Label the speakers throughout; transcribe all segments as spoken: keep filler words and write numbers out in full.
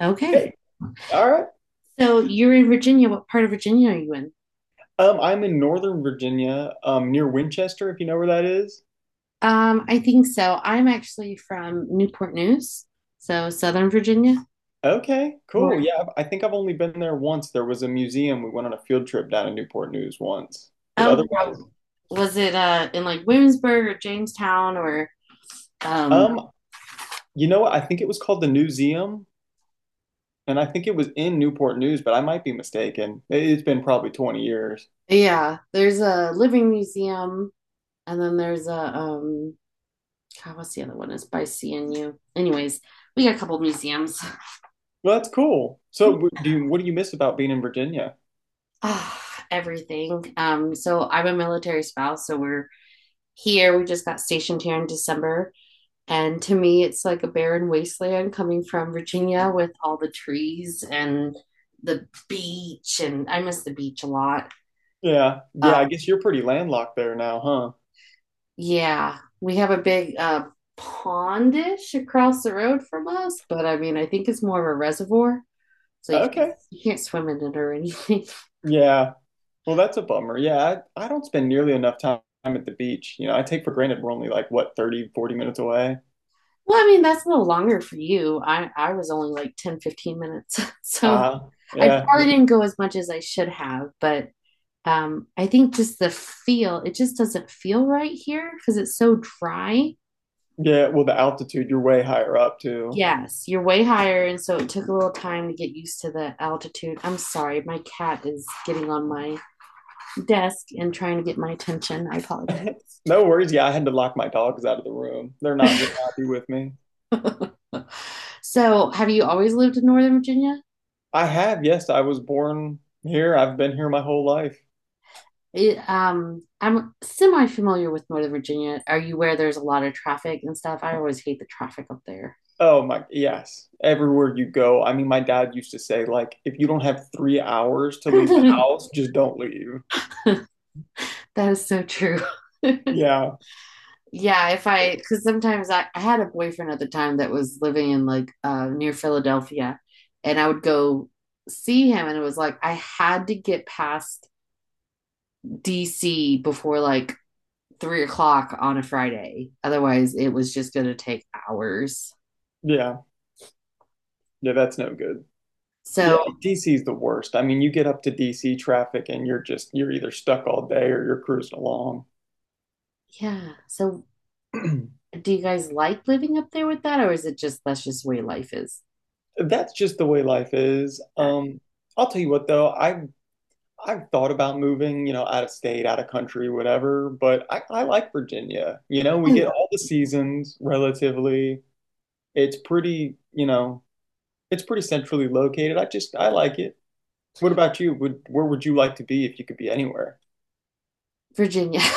Speaker 1: Okay. Okay. All right. So you're in Virginia. What part of Virginia are you in?
Speaker 2: Um, I'm in Northern Virginia, um, near Winchester, if you know where that is.
Speaker 1: Um, I think so. I'm actually from Newport News, so Southern Virginia.
Speaker 2: Okay, cool. Right. Yeah, I I think I've only been there once. There was a museum. We went on a field trip down to Newport News once. But oh, other,
Speaker 1: Was it uh, in like Williamsburg or Jamestown or? Um,
Speaker 2: um, um, you know what? I think it was called the Newseum, and I think it was in Newport News, but I might be mistaken. It- It's been probably twenty years.
Speaker 1: yeah, there's a living museum, and then there's a um, God, what's the other one? It's by C N U. Anyways, we got a couple museums.
Speaker 2: Well, that's cool. So, w- do you, what do you miss about being in Virginia?
Speaker 1: Ah, everything. Um, so I'm a military spouse, so we're here. We just got stationed here in December. And to me, it's like a barren wasteland coming from Virginia with all the trees and the beach. And I miss the beach a lot.
Speaker 2: Yeah, yeah. uh, I guess you're pretty landlocked there now, huh?
Speaker 1: Yeah, we have a big uh, pondish across the road from us, but I mean, I think it's more of a reservoir. So you, okay, can't, you can't swim in it or anything.
Speaker 2: Yeah. Well, that's a bummer. Yeah, I, I don't spend nearly enough time at the beach. You know, I take for granted we're only like, what, thirty, forty minutes away?
Speaker 1: Well, I mean, that's a little longer for you. I, I was only like ten fifteen minutes. So uh, yeah. I probably didn't go as much as I should have, but um, I think just the feel, it just doesn't feel right here because it's so dry.
Speaker 2: Yeah, well, the altitude, you're way higher up too. Yeah.
Speaker 1: Yes, you're way higher, and so it took a little time to get used to the altitude. I'm sorry, my cat is getting on my desk and trying to get my attention. I apologize.
Speaker 2: No worries. Yeah, I had to lock my dogs out of the room. They're not very happy with me.
Speaker 1: So, have you always lived in Northern Virginia?
Speaker 2: I have, yes, I was born here. I've been here my whole life.
Speaker 1: It, um, I'm semi familiar with Northern Virginia. Are you where there's a lot of traffic and stuff? I always hate the traffic up there.
Speaker 2: Oh my, yes. Everywhere you go. I mean, my dad used to say, like, if you don't have three hours to leave the house, just don't leave.
Speaker 1: That is so true. Yeah.
Speaker 2: Yeah,
Speaker 1: Yeah, if I, because sometimes I, I had a boyfriend at the time that was living in like uh, near Philadelphia, and I would go see him, and it was like I had to get past D C before like three o'clock on a Friday. Otherwise, it was just going to take hours.
Speaker 2: yeah, yeah, that's no good. So Yeah, So, D C is the worst. I mean, you get up to D C traffic and you're just you're either stuck all day or you're cruising along.
Speaker 1: Yeah. So, do you guys like living up there with that, or is it just that's just the way life is?
Speaker 2: That's just the way life is. Um, I'll tell you what though, I've I've thought about moving, you know, out of state, out of country, whatever, but I, I like Virginia. You know, we get all the seasons relatively. It's pretty, you know, it's pretty centrally located. I just I like it. What about you? Would Where would you like to be if you could be anywhere?
Speaker 1: Virginia.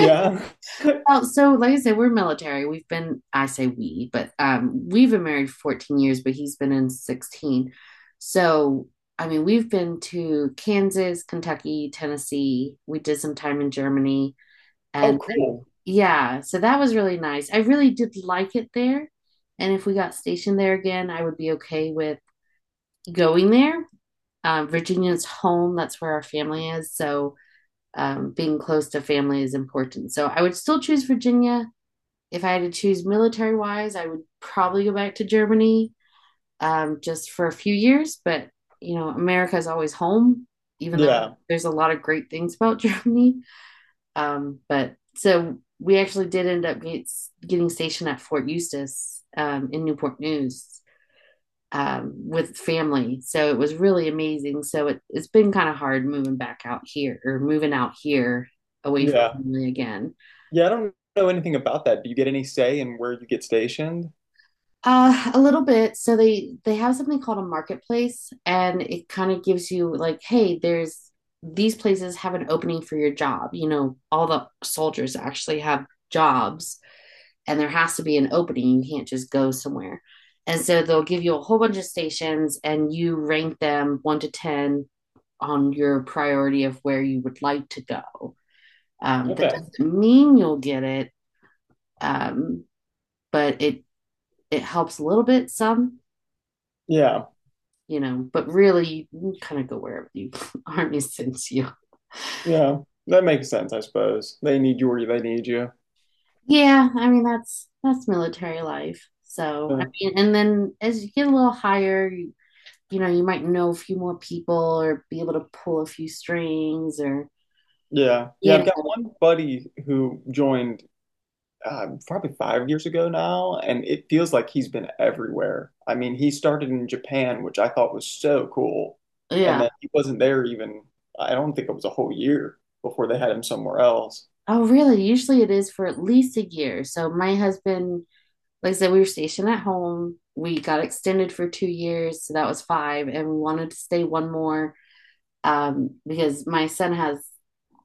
Speaker 1: Yeah. Well, so like I said, we're military. We've been, I say we, but um, we've been married fourteen years, but he's been in sixteen. So, I mean, we've been to Kansas, Kentucky, Tennessee. We did some time in Germany. And oh, cool, yeah, so that was really nice. I really did like it there. And if we got stationed there again, I would be okay with going there. Um, Virginia's home, that's where our family is. So, um, being close to family is important. So I would still choose Virginia. If I had to choose military wise, I would probably go back to Germany um, just for a few years. But, you know, America is always home, even yeah, though there's a lot of great things about Germany. Um, but so we actually did end up get, getting stationed at Fort Eustis um, in Newport News um, with family. So it was really amazing. So it, it's been kind of hard moving back out here or moving out here away, yeah, from family again. Yeah.
Speaker 2: I don't know anything about that. Do you get any say in where you get stationed?
Speaker 1: Uh, a little bit. So they they have something called a marketplace, and it kind of gives you like, hey, there's these places have an opening for your job. You know, all the soldiers actually have jobs, and there has to be an opening. You can't just go somewhere. And so they'll give you a whole bunch of stations, and you rank them one to ten on your priority of where you would like to go. Um, Okay. That doesn't mean you'll get it, um, but it it helps a little bit, some,
Speaker 2: Yeah.
Speaker 1: you know. But really, you kind of go wherever the army sends you.
Speaker 2: Yeah, that makes sense, I suppose. They need you or they need you.
Speaker 1: Yeah, I mean that's that's military life. So mm, I, yeah, mean, and then as you get a little higher, you, you know, you might know a few more people or be able to pull a few strings or.
Speaker 2: Yeah. Yeah, I've Yeah. got one buddy who joined uh, probably five years ago now, and it feels like he's been everywhere. I mean, he started in Japan, which I thought was so cool. And yeah, then he wasn't there even, I don't think it was a whole year before they had him somewhere else.
Speaker 1: Oh, really? Usually it is for at least a year. So my husband, like I said, we were stationed at home. We got extended for two years, so that was five, and we wanted to stay one more um, because my son has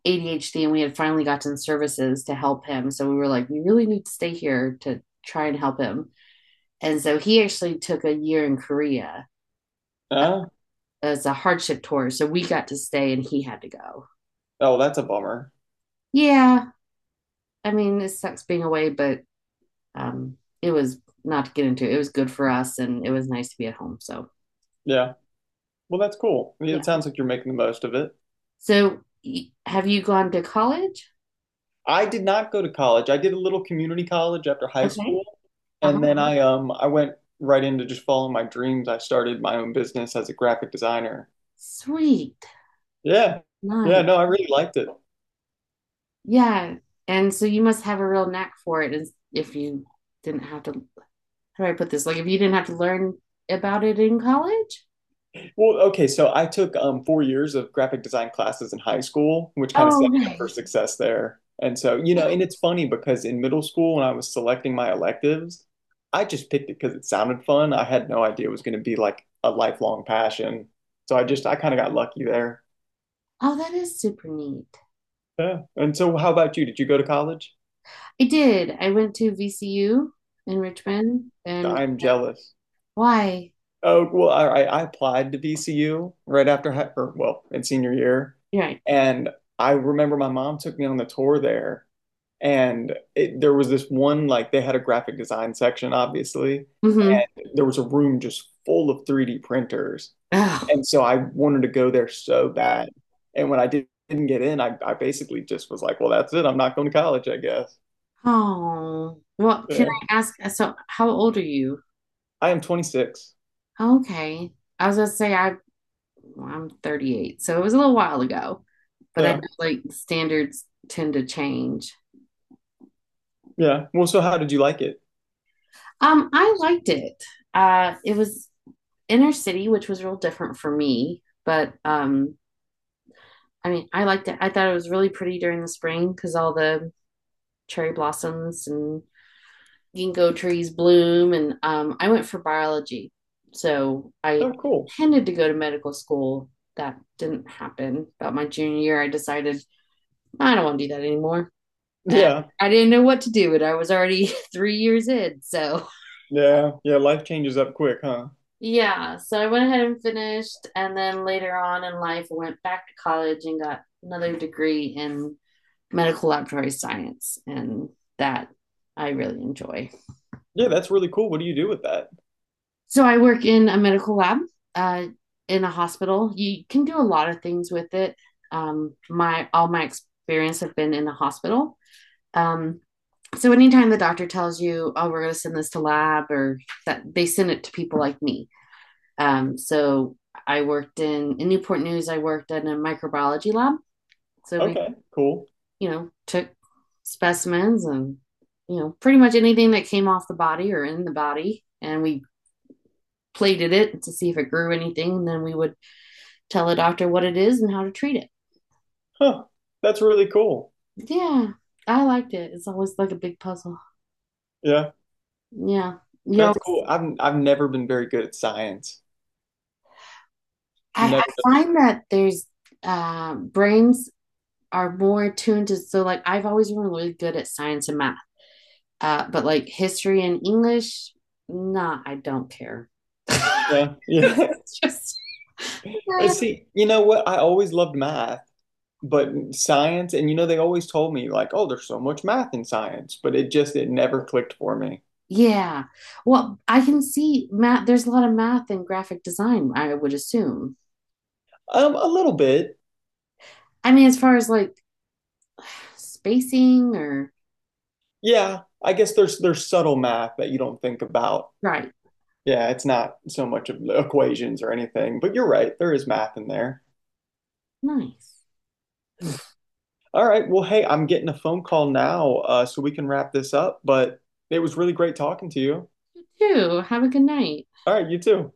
Speaker 1: A D H D, and we had finally gotten services to help him. So we were like, we really need to stay here to try and help him. And so he actually took a year in Korea
Speaker 2: Huh?
Speaker 1: as a hardship tour. So we got to stay, and he had to go.
Speaker 2: Oh, that's a bummer.
Speaker 1: Yeah, I mean, it sucks being away, but um, it was not to get into. It was good for us, and it was nice to be at home. So,
Speaker 2: Yeah. Well, that's cool. I mean, yeah. It sounds like you're making the most of it.
Speaker 1: so, have you gone to college?
Speaker 2: I did not go to college. I did a little community college after high, okay, school. And then I um I went right into just following my dreams. I started my own business as a graphic designer.
Speaker 1: Sweet. Yeah.
Speaker 2: Nice. Yeah, nice, no, I really liked it.
Speaker 1: Yeah. And so you must have a real knack for it is- if you didn't have to, how do I put this? Like, if you didn't have to learn about it in college?
Speaker 2: Well, okay, so I took um four years of graphic design classes in high school, which kind of, oh, set me up for, nice, success there. And so, you know, and it's funny because in middle school when I was selecting my electives, I just picked it because it sounded fun. I had no idea it was going to be like a lifelong passion. So I just I kind of got lucky there.
Speaker 1: Oh, that is super neat.
Speaker 2: Yeah. And so how about you? Did you go to college?
Speaker 1: I did. I went to V C U in Richmond. And
Speaker 2: I'm jealous.
Speaker 1: why?
Speaker 2: Okay. Oh, well, all right. I applied to V C U right after high, or well, in senior year. Right. And I remember my mom took me on the tour there, and it, there was this one like they had a graphic design section, obviously, mm-hmm, and there was a room just full of three D printers, oh, and so I wanted to go there so bad. And when I did, didn't get in, I, I basically just was like, well, that's it. I'm not going to college, I guess.
Speaker 1: Oh, well, yeah, can, yeah, I ask? So, how old are you?
Speaker 2: I am twenty-six.
Speaker 1: Okay. I was gonna say I, well, I'm thirty-eight, so it was a little while ago. But I, yeah, I know like standards tend to change.
Speaker 2: Yeah. Well, so how did you like it?
Speaker 1: Um, I liked it. Uh, it was inner city, which was real different for me, but um, I mean, I liked it. I thought it was really pretty during the spring because all the cherry blossoms and ginkgo trees bloom, and um, I went for biology, so I, oh, cool, intended to go to medical school. That didn't happen. About my junior year, I decided I don't want to do that anymore. Yeah. I didn't know what to do, but I was already three years in, so.
Speaker 2: Yeah. Yeah. Life changes up quick, huh?
Speaker 1: Yeah, so I went ahead and finished, and then later on in life, I went back to college and got another degree in medical laboratory science, and that I really enjoy.
Speaker 2: Yeah, that's really cool. What do you do with that?
Speaker 1: So I work in a medical lab uh, in a hospital. You can do a lot of things with it. Um, my all my experience have been in a hospital. Um, so anytime the doctor tells you, "Oh, we're going to send this to lab," or that they send it to people like me. Um, so I worked in in Newport News. I worked in a microbiology lab. So okay, we, cool, you know, took specimens and you know pretty much anything that came off the body or in the body, and we plated it to see if it grew anything, and then we would tell the doctor what it is and how to treat it.
Speaker 2: Huh. That's really cool.
Speaker 1: Yeah, I liked it. It's always like a big puzzle.
Speaker 2: Yeah.
Speaker 1: Yeah,
Speaker 2: Yeah. That's cool. I've I've never been very good at science.
Speaker 1: I, I find that there's uh, brains are more attuned to so like I've always been really good at science and math. Uh, but like history and English, nah, I don't care.
Speaker 2: Yeah. Yeah. It's just see, you know what? I always loved math, but science, and you know, they always told me like, oh, there's so much math in science, but it just it never clicked for me.
Speaker 1: Yeah. Well, I can see math. There's a lot of math and graphic design, I would assume.
Speaker 2: Um, a little bit.
Speaker 1: I mean, as far as like spacing or
Speaker 2: Yeah. I guess there's there's subtle math that you don't think about, right. Yeah, it's not so much of equations or anything, but you're right, there is math in there.
Speaker 1: nice.
Speaker 2: All right. Well, hey, I'm getting a phone call now, uh, so we can wrap this up, but it was really great talking to you.
Speaker 1: You have a good night. All right.
Speaker 2: You too.